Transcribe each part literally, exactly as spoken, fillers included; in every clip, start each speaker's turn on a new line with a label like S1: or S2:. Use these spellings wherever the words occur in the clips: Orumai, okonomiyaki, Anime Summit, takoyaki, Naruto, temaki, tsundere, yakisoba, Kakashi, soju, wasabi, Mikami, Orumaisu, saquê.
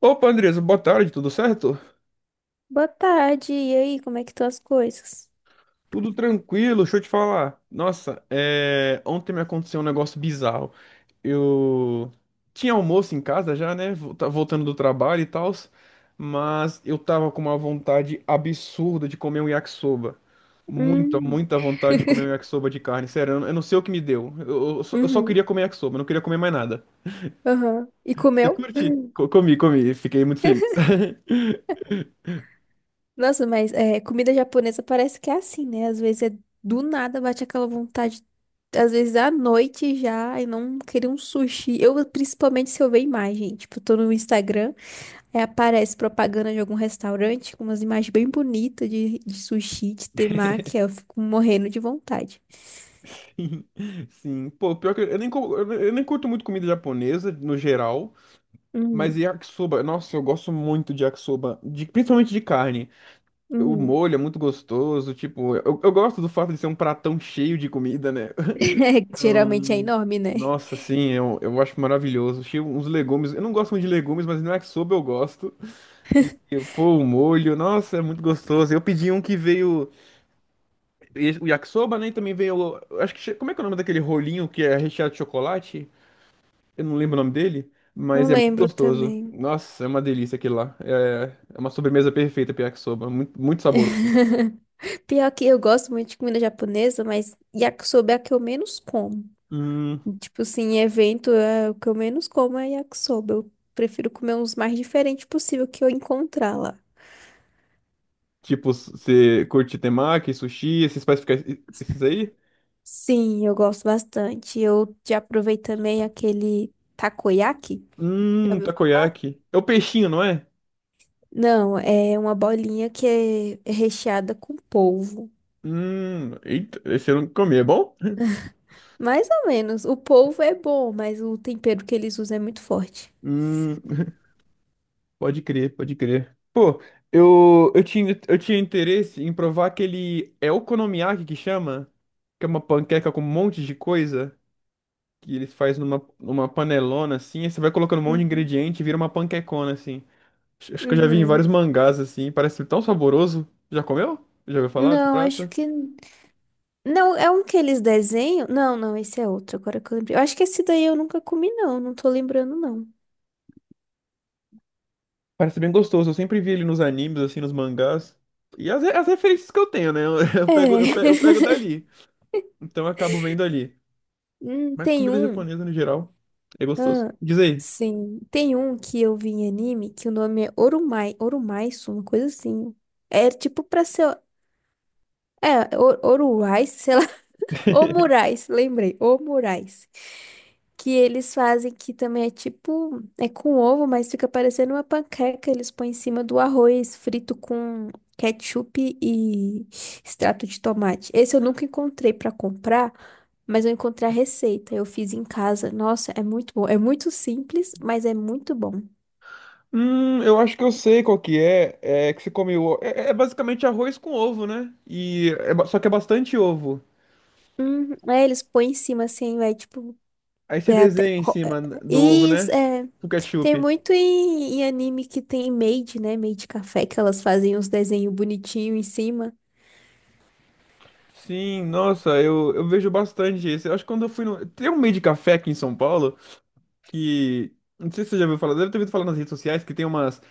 S1: Opa, Andresa, boa tarde, tudo certo?
S2: Boa tarde, e aí, como é que estão as coisas?
S1: Tudo tranquilo, deixa eu te falar. Nossa, é, ontem me aconteceu um negócio bizarro. Eu tinha almoço em casa já, né? vol- tá- Voltando do trabalho e tal, mas eu tava com uma vontade absurda de comer um yakisoba. Muita,
S2: Hum.
S1: muita vontade de comer um yakisoba de carne. Sério, eu não eu não sei o que me deu. Eu, eu só, eu só
S2: Uhum,
S1: queria comer yakisoba, eu não queria comer mais nada.
S2: aham. E
S1: Você
S2: comeu?
S1: curte? Co- comi, comi, fiquei muito feliz.
S2: Nossa, mas é, comida japonesa parece que é assim, né? Às vezes é do nada, bate aquela vontade, às vezes à noite já, e não querer um sushi. Eu, principalmente se eu ver imagem, tipo, eu tô no Instagram, aí aparece propaganda de algum restaurante com umas imagens bem bonitas de, de sushi, de temaki, aí eu fico morrendo de vontade.
S1: Sim, pô, pior que eu eu nem, co- eu eu nem curto muito comida japonesa no geral, mas
S2: Uhum,
S1: yakisoba, nossa, eu gosto muito de yakisoba, de, principalmente de carne. O
S2: uhum.
S1: molho é muito gostoso, tipo, eu, eu gosto do fato de ser um pratão cheio de comida, né?
S2: É, geralmente é
S1: Então,
S2: enorme, né?
S1: nossa, sim, eu, eu acho maravilhoso. Cheio uns legumes, eu não gosto muito de legumes, mas no yakisoba eu gosto. Eu, pô, o molho, nossa, é muito gostoso. Eu pedi um que veio, o yakisoba, né, e também veio, eu acho que, che- como é que é o nome daquele rolinho que é recheado de chocolate? Eu não lembro o nome dele,
S2: Não
S1: mas é muito
S2: lembro
S1: gostoso.
S2: também.
S1: Nossa, é uma delícia aquele lá. É, é uma sobremesa perfeita, yakisoba. Muito, muito saboroso.
S2: Pior que eu gosto muito de comida japonesa, mas yakisoba é a que eu menos como.
S1: Hum,
S2: Tipo assim, em evento, é, o que eu menos como é yakisoba. Eu prefiro comer uns mais diferentes possível que eu encontrar lá.
S1: tipo, você curte temaki, sushi, esses pais- esses aí?
S2: Sim, eu gosto bastante. Eu já provei também aquele takoyaki. Já
S1: Hum,
S2: ouviu falar?
S1: takoyaki. É o peixinho, não é?
S2: Não, é uma bolinha que é é recheada com polvo.
S1: Hum, eita, esse eu não comi, é bom?
S2: Mais ou menos. O polvo é bom, mas o tempero que eles usam é muito forte.
S1: Hum, pode crer, pode crer. Pô, eu, eu tinha, eu tinha interesse em provar aquele. É okonomiyaki que chama? Que é uma panqueca com um monte de coisa. Que eles fazem numa, numa panelona assim, aí você vai colocando um monte de ingrediente e vira uma panquecona assim. Acho acho que eu já vi em vários
S2: Uhum.
S1: mangás assim, parece tão saboroso. Já comeu? Já ouviu falar desse
S2: Não, acho
S1: prato?
S2: que. Não, é um que eles desenham. Não, não, esse é outro, agora que eu lembrei. Eu acho que esse daí eu nunca comi, não. Não tô lembrando, não.
S1: Parece bem gostoso, eu sempre vi ele nos animes assim, nos mangás. E as, re- as referências que eu tenho, né? Eu, pego, eu
S2: É.
S1: pego, eu pego dali. Então eu acabo vendo ali.
S2: Hum,
S1: Mas
S2: tem
S1: comida
S2: um.
S1: japonesa no geral é gostoso.
S2: Ah,
S1: Diz aí.
S2: sim. Tem um que eu vi em anime que o nome é Orumai. Orumaisu, uma coisa assim. É tipo pra ser. É, Or- Oruai, sei lá. Ô Moraes, lembrei, ô Moraes. Que eles fazem que também é tipo, é com ovo, mas fica parecendo uma panqueca. Eles põem em cima do arroz frito com ketchup e extrato de tomate. Esse eu nunca encontrei pra comprar, mas eu encontrei a receita. Eu fiz em casa. Nossa, é muito bom. É muito simples, mas é muito bom.
S1: Hum, eu acho que eu sei qual que é. É que você come o... É, é basicamente arroz com ovo, né? E é ba- só que é bastante ovo.
S2: Uhum. Aí eles põem em cima assim, vai tipo.
S1: Aí você
S2: É até
S1: desenha em
S2: co- é-
S1: cima do ovo,
S2: Isso,
S1: né?
S2: é.
S1: O
S2: Tem
S1: ketchup.
S2: muito em, em anime que tem maid, né? Maid café, que elas fazem uns desenhos bonitinhos em cima.
S1: Sim, nossa, eu, eu vejo bastante isso. Eu acho que quando eu fui no. Tem um meio de café aqui em São Paulo que. Não sei se você já ouviu falar, deve ter ouvido falar nas redes sociais que tem umas,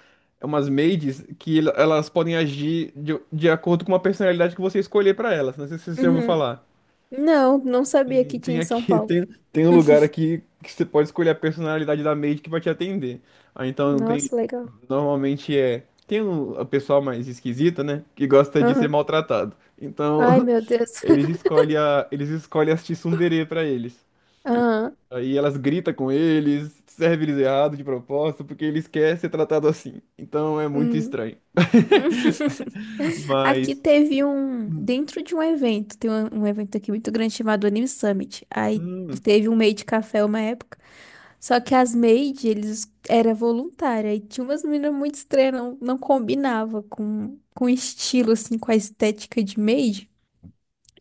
S1: umas maids que el- elas podem agir de, de acordo com uma personalidade que você escolher pra elas. Não sei se você já ouviu
S2: Uhum.
S1: falar.
S2: Não, não sabia
S1: Tem
S2: que tinha
S1: tem
S2: em São
S1: aqui,
S2: Paulo.
S1: tem, tem um lugar aqui que você pode escolher a personalidade da maid que vai te atender. Ah, então tem,
S2: Nossa, legal.
S1: normalmente é, tem um, a pessoa mais esquisita, né, que gosta de ser
S2: Aham.
S1: maltratado. Então,
S2: Ai, meu Deus.
S1: eles escolhem a, eles escolhem as tsundere pra eles.
S2: Aham.
S1: Aí elas gritam com eles, servem eles errado de propósito, porque eles querem ser tratado assim. Então é muito
S2: Hum.
S1: estranho.
S2: Aqui
S1: Mas,
S2: teve um.
S1: hum,
S2: Dentro de um evento, tem um, um evento aqui muito grande chamado Anime Summit. Aí
S1: hum,
S2: teve um maid café uma época. Só que as maid, eles era voluntária e tinha umas meninas muito estranhas, não, não combinava com, com o estilo, assim, com a estética de maid.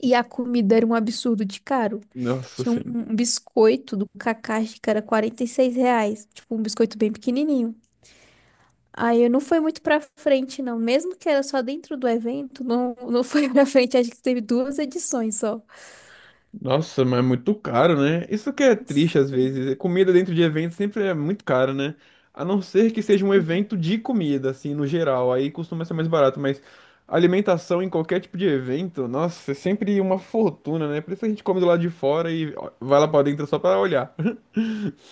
S2: E a comida era um absurdo de caro.
S1: nossa,
S2: Tinha um,
S1: sim.
S2: um biscoito do Kakashi que era quarenta e seis reais, tipo um biscoito bem pequenininho. Aí eu não foi muito pra frente, não. Mesmo que era só dentro do evento, não, não foi pra frente. Acho que teve duas edições só.
S1: Nossa, mas é muito caro, né? Isso que é triste às
S2: Sim.
S1: vezes. Comida dentro de evento sempre é muito caro, né? A não ser que seja um evento de comida, assim, no geral. Aí costuma ser mais barato, mas alimentação em qualquer tipo de evento, nossa, é sempre uma fortuna, né? Por isso a gente come do lado de fora e ó, vai lá pra dentro só pra olhar.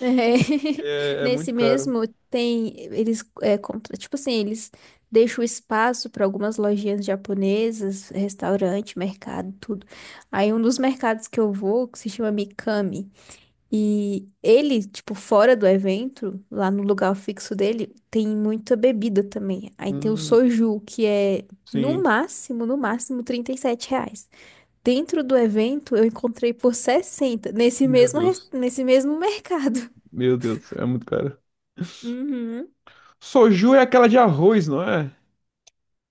S2: É,
S1: É, é
S2: nesse
S1: muito caro.
S2: mesmo tem eles é, contra, tipo assim, eles deixam espaço para algumas lojinhas japonesas, restaurante, mercado, tudo. Aí um dos mercados que eu vou, que se chama Mikami, e ele, tipo, fora do evento, lá no lugar fixo dele, tem muita bebida também. Aí tem o
S1: Hum,
S2: soju, que é no
S1: sim.
S2: máximo, no máximo trinta e sete reais. Dentro do evento eu encontrei por sessenta nesse
S1: Meu
S2: mesmo, res-
S1: Deus.
S2: nesse mesmo mercado.
S1: Meu Deus, é muito caro.
S2: Uhum.
S1: Soju é aquela de arroz, não é?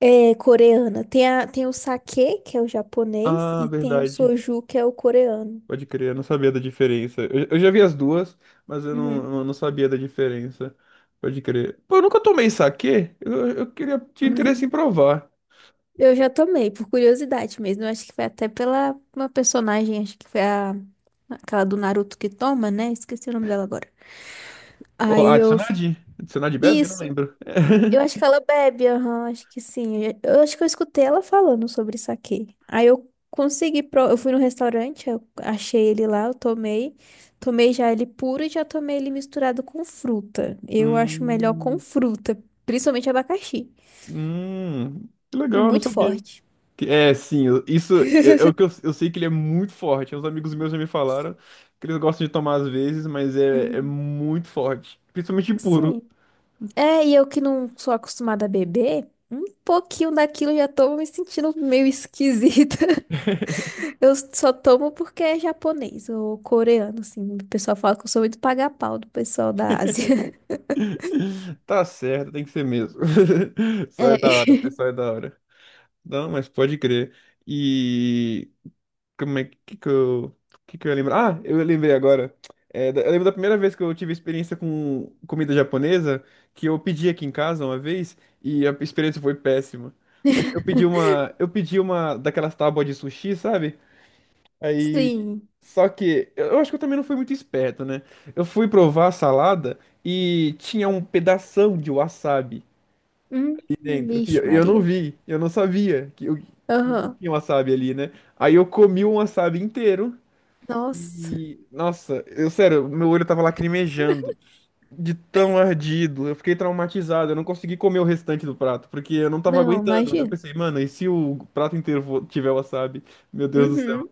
S2: É coreana. Tem, a, tem o sake, que é o japonês,
S1: Ah,
S2: e tem o
S1: verdade.
S2: soju, que é o coreano.
S1: Pode crer, eu não sabia da diferença. Eu, eu já vi as duas, mas eu não,
S2: Uhum.
S1: eu não sabia da diferença. Pode crer. Pô, eu nunca tomei saquê. Eu, eu queria, tinha interesse em provar.
S2: Eu já tomei, por curiosidade mesmo. Eu acho que foi até pela uma personagem, acho que foi a, aquela do Naruto que toma, né? Esqueci o nome dela agora.
S1: Ó,
S2: Aí eu
S1: adicionar
S2: fiquei.
S1: de? Adicionar de bebe? Eu não lembro.
S2: Eu acho que ela bebe, aham, acho que sim. Eu eu acho que eu escutei ela falando sobre saquê. Aí eu consegui, pro- eu fui no restaurante, eu achei ele lá, eu tomei. Tomei já ele puro e já tomei ele misturado com fruta. Eu acho melhor com
S1: Hum,
S2: fruta, principalmente abacaxi.
S1: hum, que
S2: É
S1: legal, eu não
S2: muito
S1: sabia.
S2: forte.
S1: Que- É, sim, eu- isso é, é o que eu, eu sei que ele é muito forte. Uns amigos meus já me falaram que eles gostam de tomar às vezes, mas é, é
S2: Uhum.
S1: muito forte. Principalmente puro.
S2: Sim. É, e eu que não sou acostumada a beber, um pouquinho daquilo eu já tô me sentindo meio esquisita. Eu só tomo porque é japonês ou coreano, assim. O pessoal fala que eu sou muito paga-pau do pessoal da Ásia.
S1: Tá certo, tem que ser mesmo. Só
S2: É.
S1: é da hora, pessoal é da hora. Não, mas pode crer. E como é que, que eu que, que eu ia lembrar? Ah, eu lembrei agora. É, da- eu lembro da primeira vez que eu tive experiência com comida japonesa, que eu pedi aqui em casa uma vez e a experiência foi péssima. Foi- Eu pedi uma, eu pedi uma daquelas tábuas de sushi, sabe? Aí
S2: Sim.
S1: só que eu eu acho que eu também não fui muito esperto, né? Eu fui provar a salada e tinha um pedação de wasabi
S2: Hum,
S1: dentro. E eu,
S2: vixe,
S1: eu não
S2: Maria.
S1: vi, eu não sabia que, o- que
S2: Aham.
S1: tinha um wasabi ali, né? Aí eu comi um wasabi inteiro
S2: Nossa.
S1: e, nossa, eu sério, meu olho tava lacrimejando de tão ardido. Eu fiquei traumatizado, eu não consegui comer o restante do prato, porque eu não tava
S2: Não,
S1: aguentando. Eu
S2: imagina.
S1: pensei, mano, e se o prato inteiro for- tiver wasabi? Meu Deus do céu.
S2: Uhum.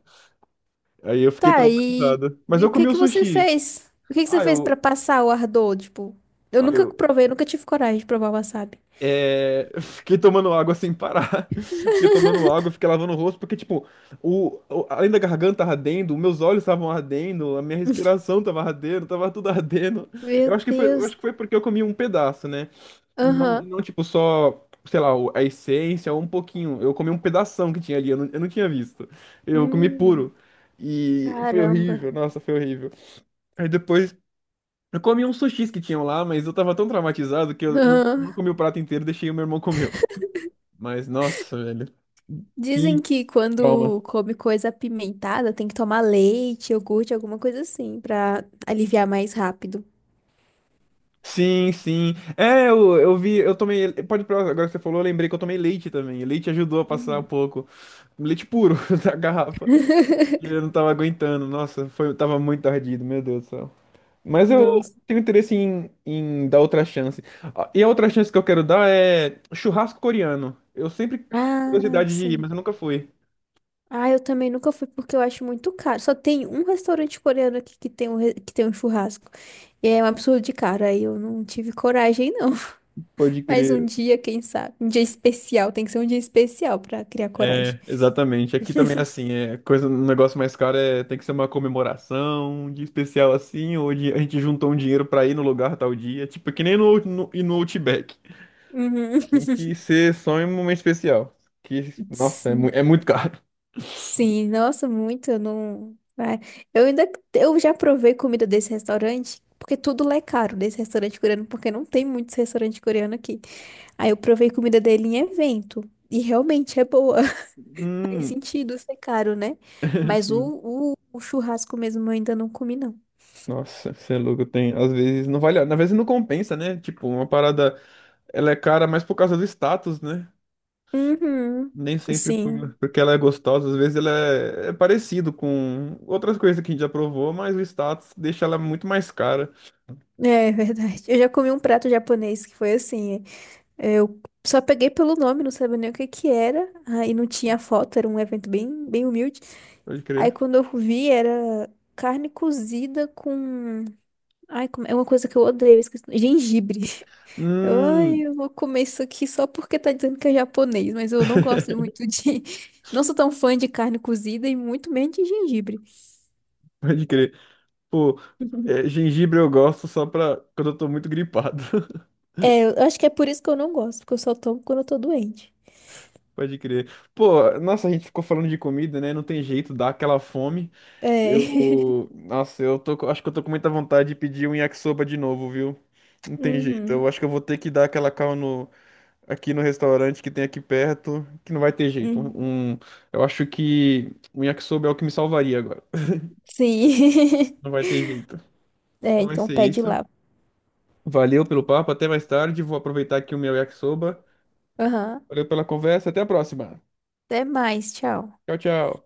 S1: Aí eu fiquei
S2: Tá, e,
S1: traumatizado. Mas
S2: e o
S1: eu
S2: que
S1: comi o
S2: que você
S1: sushi.
S2: fez? O que que você
S1: Ah,
S2: fez pra
S1: eu,
S2: passar o ardor? Tipo, eu
S1: ah,
S2: nunca
S1: eu
S2: provei, nunca tive coragem de provar wasabi.
S1: É, eu fiquei tomando água sem parar. Fiquei tomando água, fiquei lavando o rosto, porque, tipo, o, o- além da garganta ardendo, meus olhos estavam ardendo, a minha respiração tava ardendo, tava tudo ardendo.
S2: Meu
S1: Eu acho que foi, eu acho
S2: Deus.
S1: que foi porque eu comi um pedaço, né? Não,
S2: Aham.
S1: não tipo, só, sei lá, o- a essência, ou um pouquinho. Eu comi um pedação que tinha ali, eu não, eu não tinha visto. Eu comi
S2: Hum,
S1: puro. E foi
S2: caramba.
S1: horrível, nossa, foi horrível. Aí depois. Eu comi uns sushis que tinham lá, mas eu tava tão traumatizado que eu não,
S2: Aham.
S1: não comi o prato inteiro, deixei o meu irmão comer. Mas, nossa, velho,
S2: Dizem
S1: que
S2: que
S1: trauma.
S2: quando come coisa apimentada tem que tomar leite, iogurte, alguma coisa assim, pra aliviar mais rápido.
S1: Sim, sim. É, eu, eu vi, eu tomei. Pode provar, agora que você falou, eu lembrei que eu tomei leite também. Leite ajudou a passar um
S2: Uhum.
S1: pouco. Leite puro da garrafa. E eu não tava aguentando. Nossa, foi, tava muito ardido, meu Deus do céu. Mas eu
S2: Nossa.
S1: tenho interesse em, em dar outra chance. Ah, e a outra chance que eu quero dar é churrasco coreano. Eu sempre tive
S2: Ah,
S1: curiosidade de ir,
S2: sim.
S1: mas eu nunca fui.
S2: Ah, eu também nunca fui porque eu acho muito caro. Só tem um restaurante coreano aqui que tem um, re- que tem um churrasco. E é um absurdo de caro. Aí eu não tive coragem, não.
S1: Pode
S2: Mas um
S1: crer.
S2: dia, quem sabe? Um dia especial. Tem que ser um dia especial pra criar coragem.
S1: É, exatamente. Aqui também é assim, é coisa, um negócio mais caro é tem que ser uma comemoração, um dia especial assim, ou de- a gente juntou um dinheiro pra ir no lugar tal dia, tipo, é que nem no, no, e no Outback.
S2: Uhum.
S1: Tem que ser só em um momento especial. Que, nossa, é, mu-
S2: Sim.
S1: é muito caro.
S2: Sim, nossa, muito, eu não. vai. Eu ainda. Eu já provei comida desse restaurante, porque tudo lá é caro desse restaurante coreano, porque não tem muitos restaurantes coreanos aqui. Aí eu provei comida dele em evento. E realmente é boa. Faz
S1: Hum,
S2: sentido ser caro, né? Mas o,
S1: sim.
S2: o, o churrasco mesmo eu ainda não comi, não.
S1: Nossa, você é louco, tem. Às vezes não vale, às vezes não compensa, né? Tipo, uma parada, ela é cara mais por causa do status, né?
S2: Uhum.
S1: Nem sempre por-
S2: Sim.
S1: porque ela é gostosa, às vezes ela é, é parecido com outras coisas que a gente já provou, mas o status deixa ela muito mais cara.
S2: É verdade. Eu já comi um prato japonês que foi assim. É, eu só peguei pelo nome, não sabia nem o que que era. Aí não tinha foto, era um evento bem, bem humilde.
S1: Pode
S2: Aí
S1: crer.
S2: quando eu vi, era carne cozida com. Ai, como- é uma coisa que eu odeio, eu esqueci. Gengibre. Eu, ai,
S1: Hum,
S2: eu vou comer isso aqui só porque tá dizendo que é japonês, mas eu não gosto muito de. Não sou tão fã de carne cozida e muito menos de gengibre.
S1: pode crer. Pô, é, gengibre eu gosto só pra quando eu tô muito gripado.
S2: É, eu acho que é por isso que eu não gosto, porque eu só tomo quando eu tô doente.
S1: Pode crer. Pô, nossa, a gente ficou falando de comida, né? Não tem jeito, dá aquela fome.
S2: É.
S1: Eu, nossa, eu tô, com- acho que eu tô com muita vontade de pedir um yakisoba de novo, viu? Não tem jeito. Eu
S2: Uhum.
S1: acho que eu vou ter que dar aquela calma aqui no restaurante que tem aqui perto, que não vai ter jeito.
S2: Uhum.
S1: Um, um, eu acho que um yakisoba é o que me salvaria agora.
S2: Sim.
S1: Não vai ter jeito.
S2: É,
S1: Então vai
S2: então
S1: ser
S2: pede
S1: isso.
S2: lá.
S1: Valeu pelo papo, até mais tarde. Vou aproveitar aqui o meu yakisoba.
S2: Aham.
S1: Valeu pela conversa, até a próxima.
S2: Até mais, tchau.
S1: Tchau, tchau.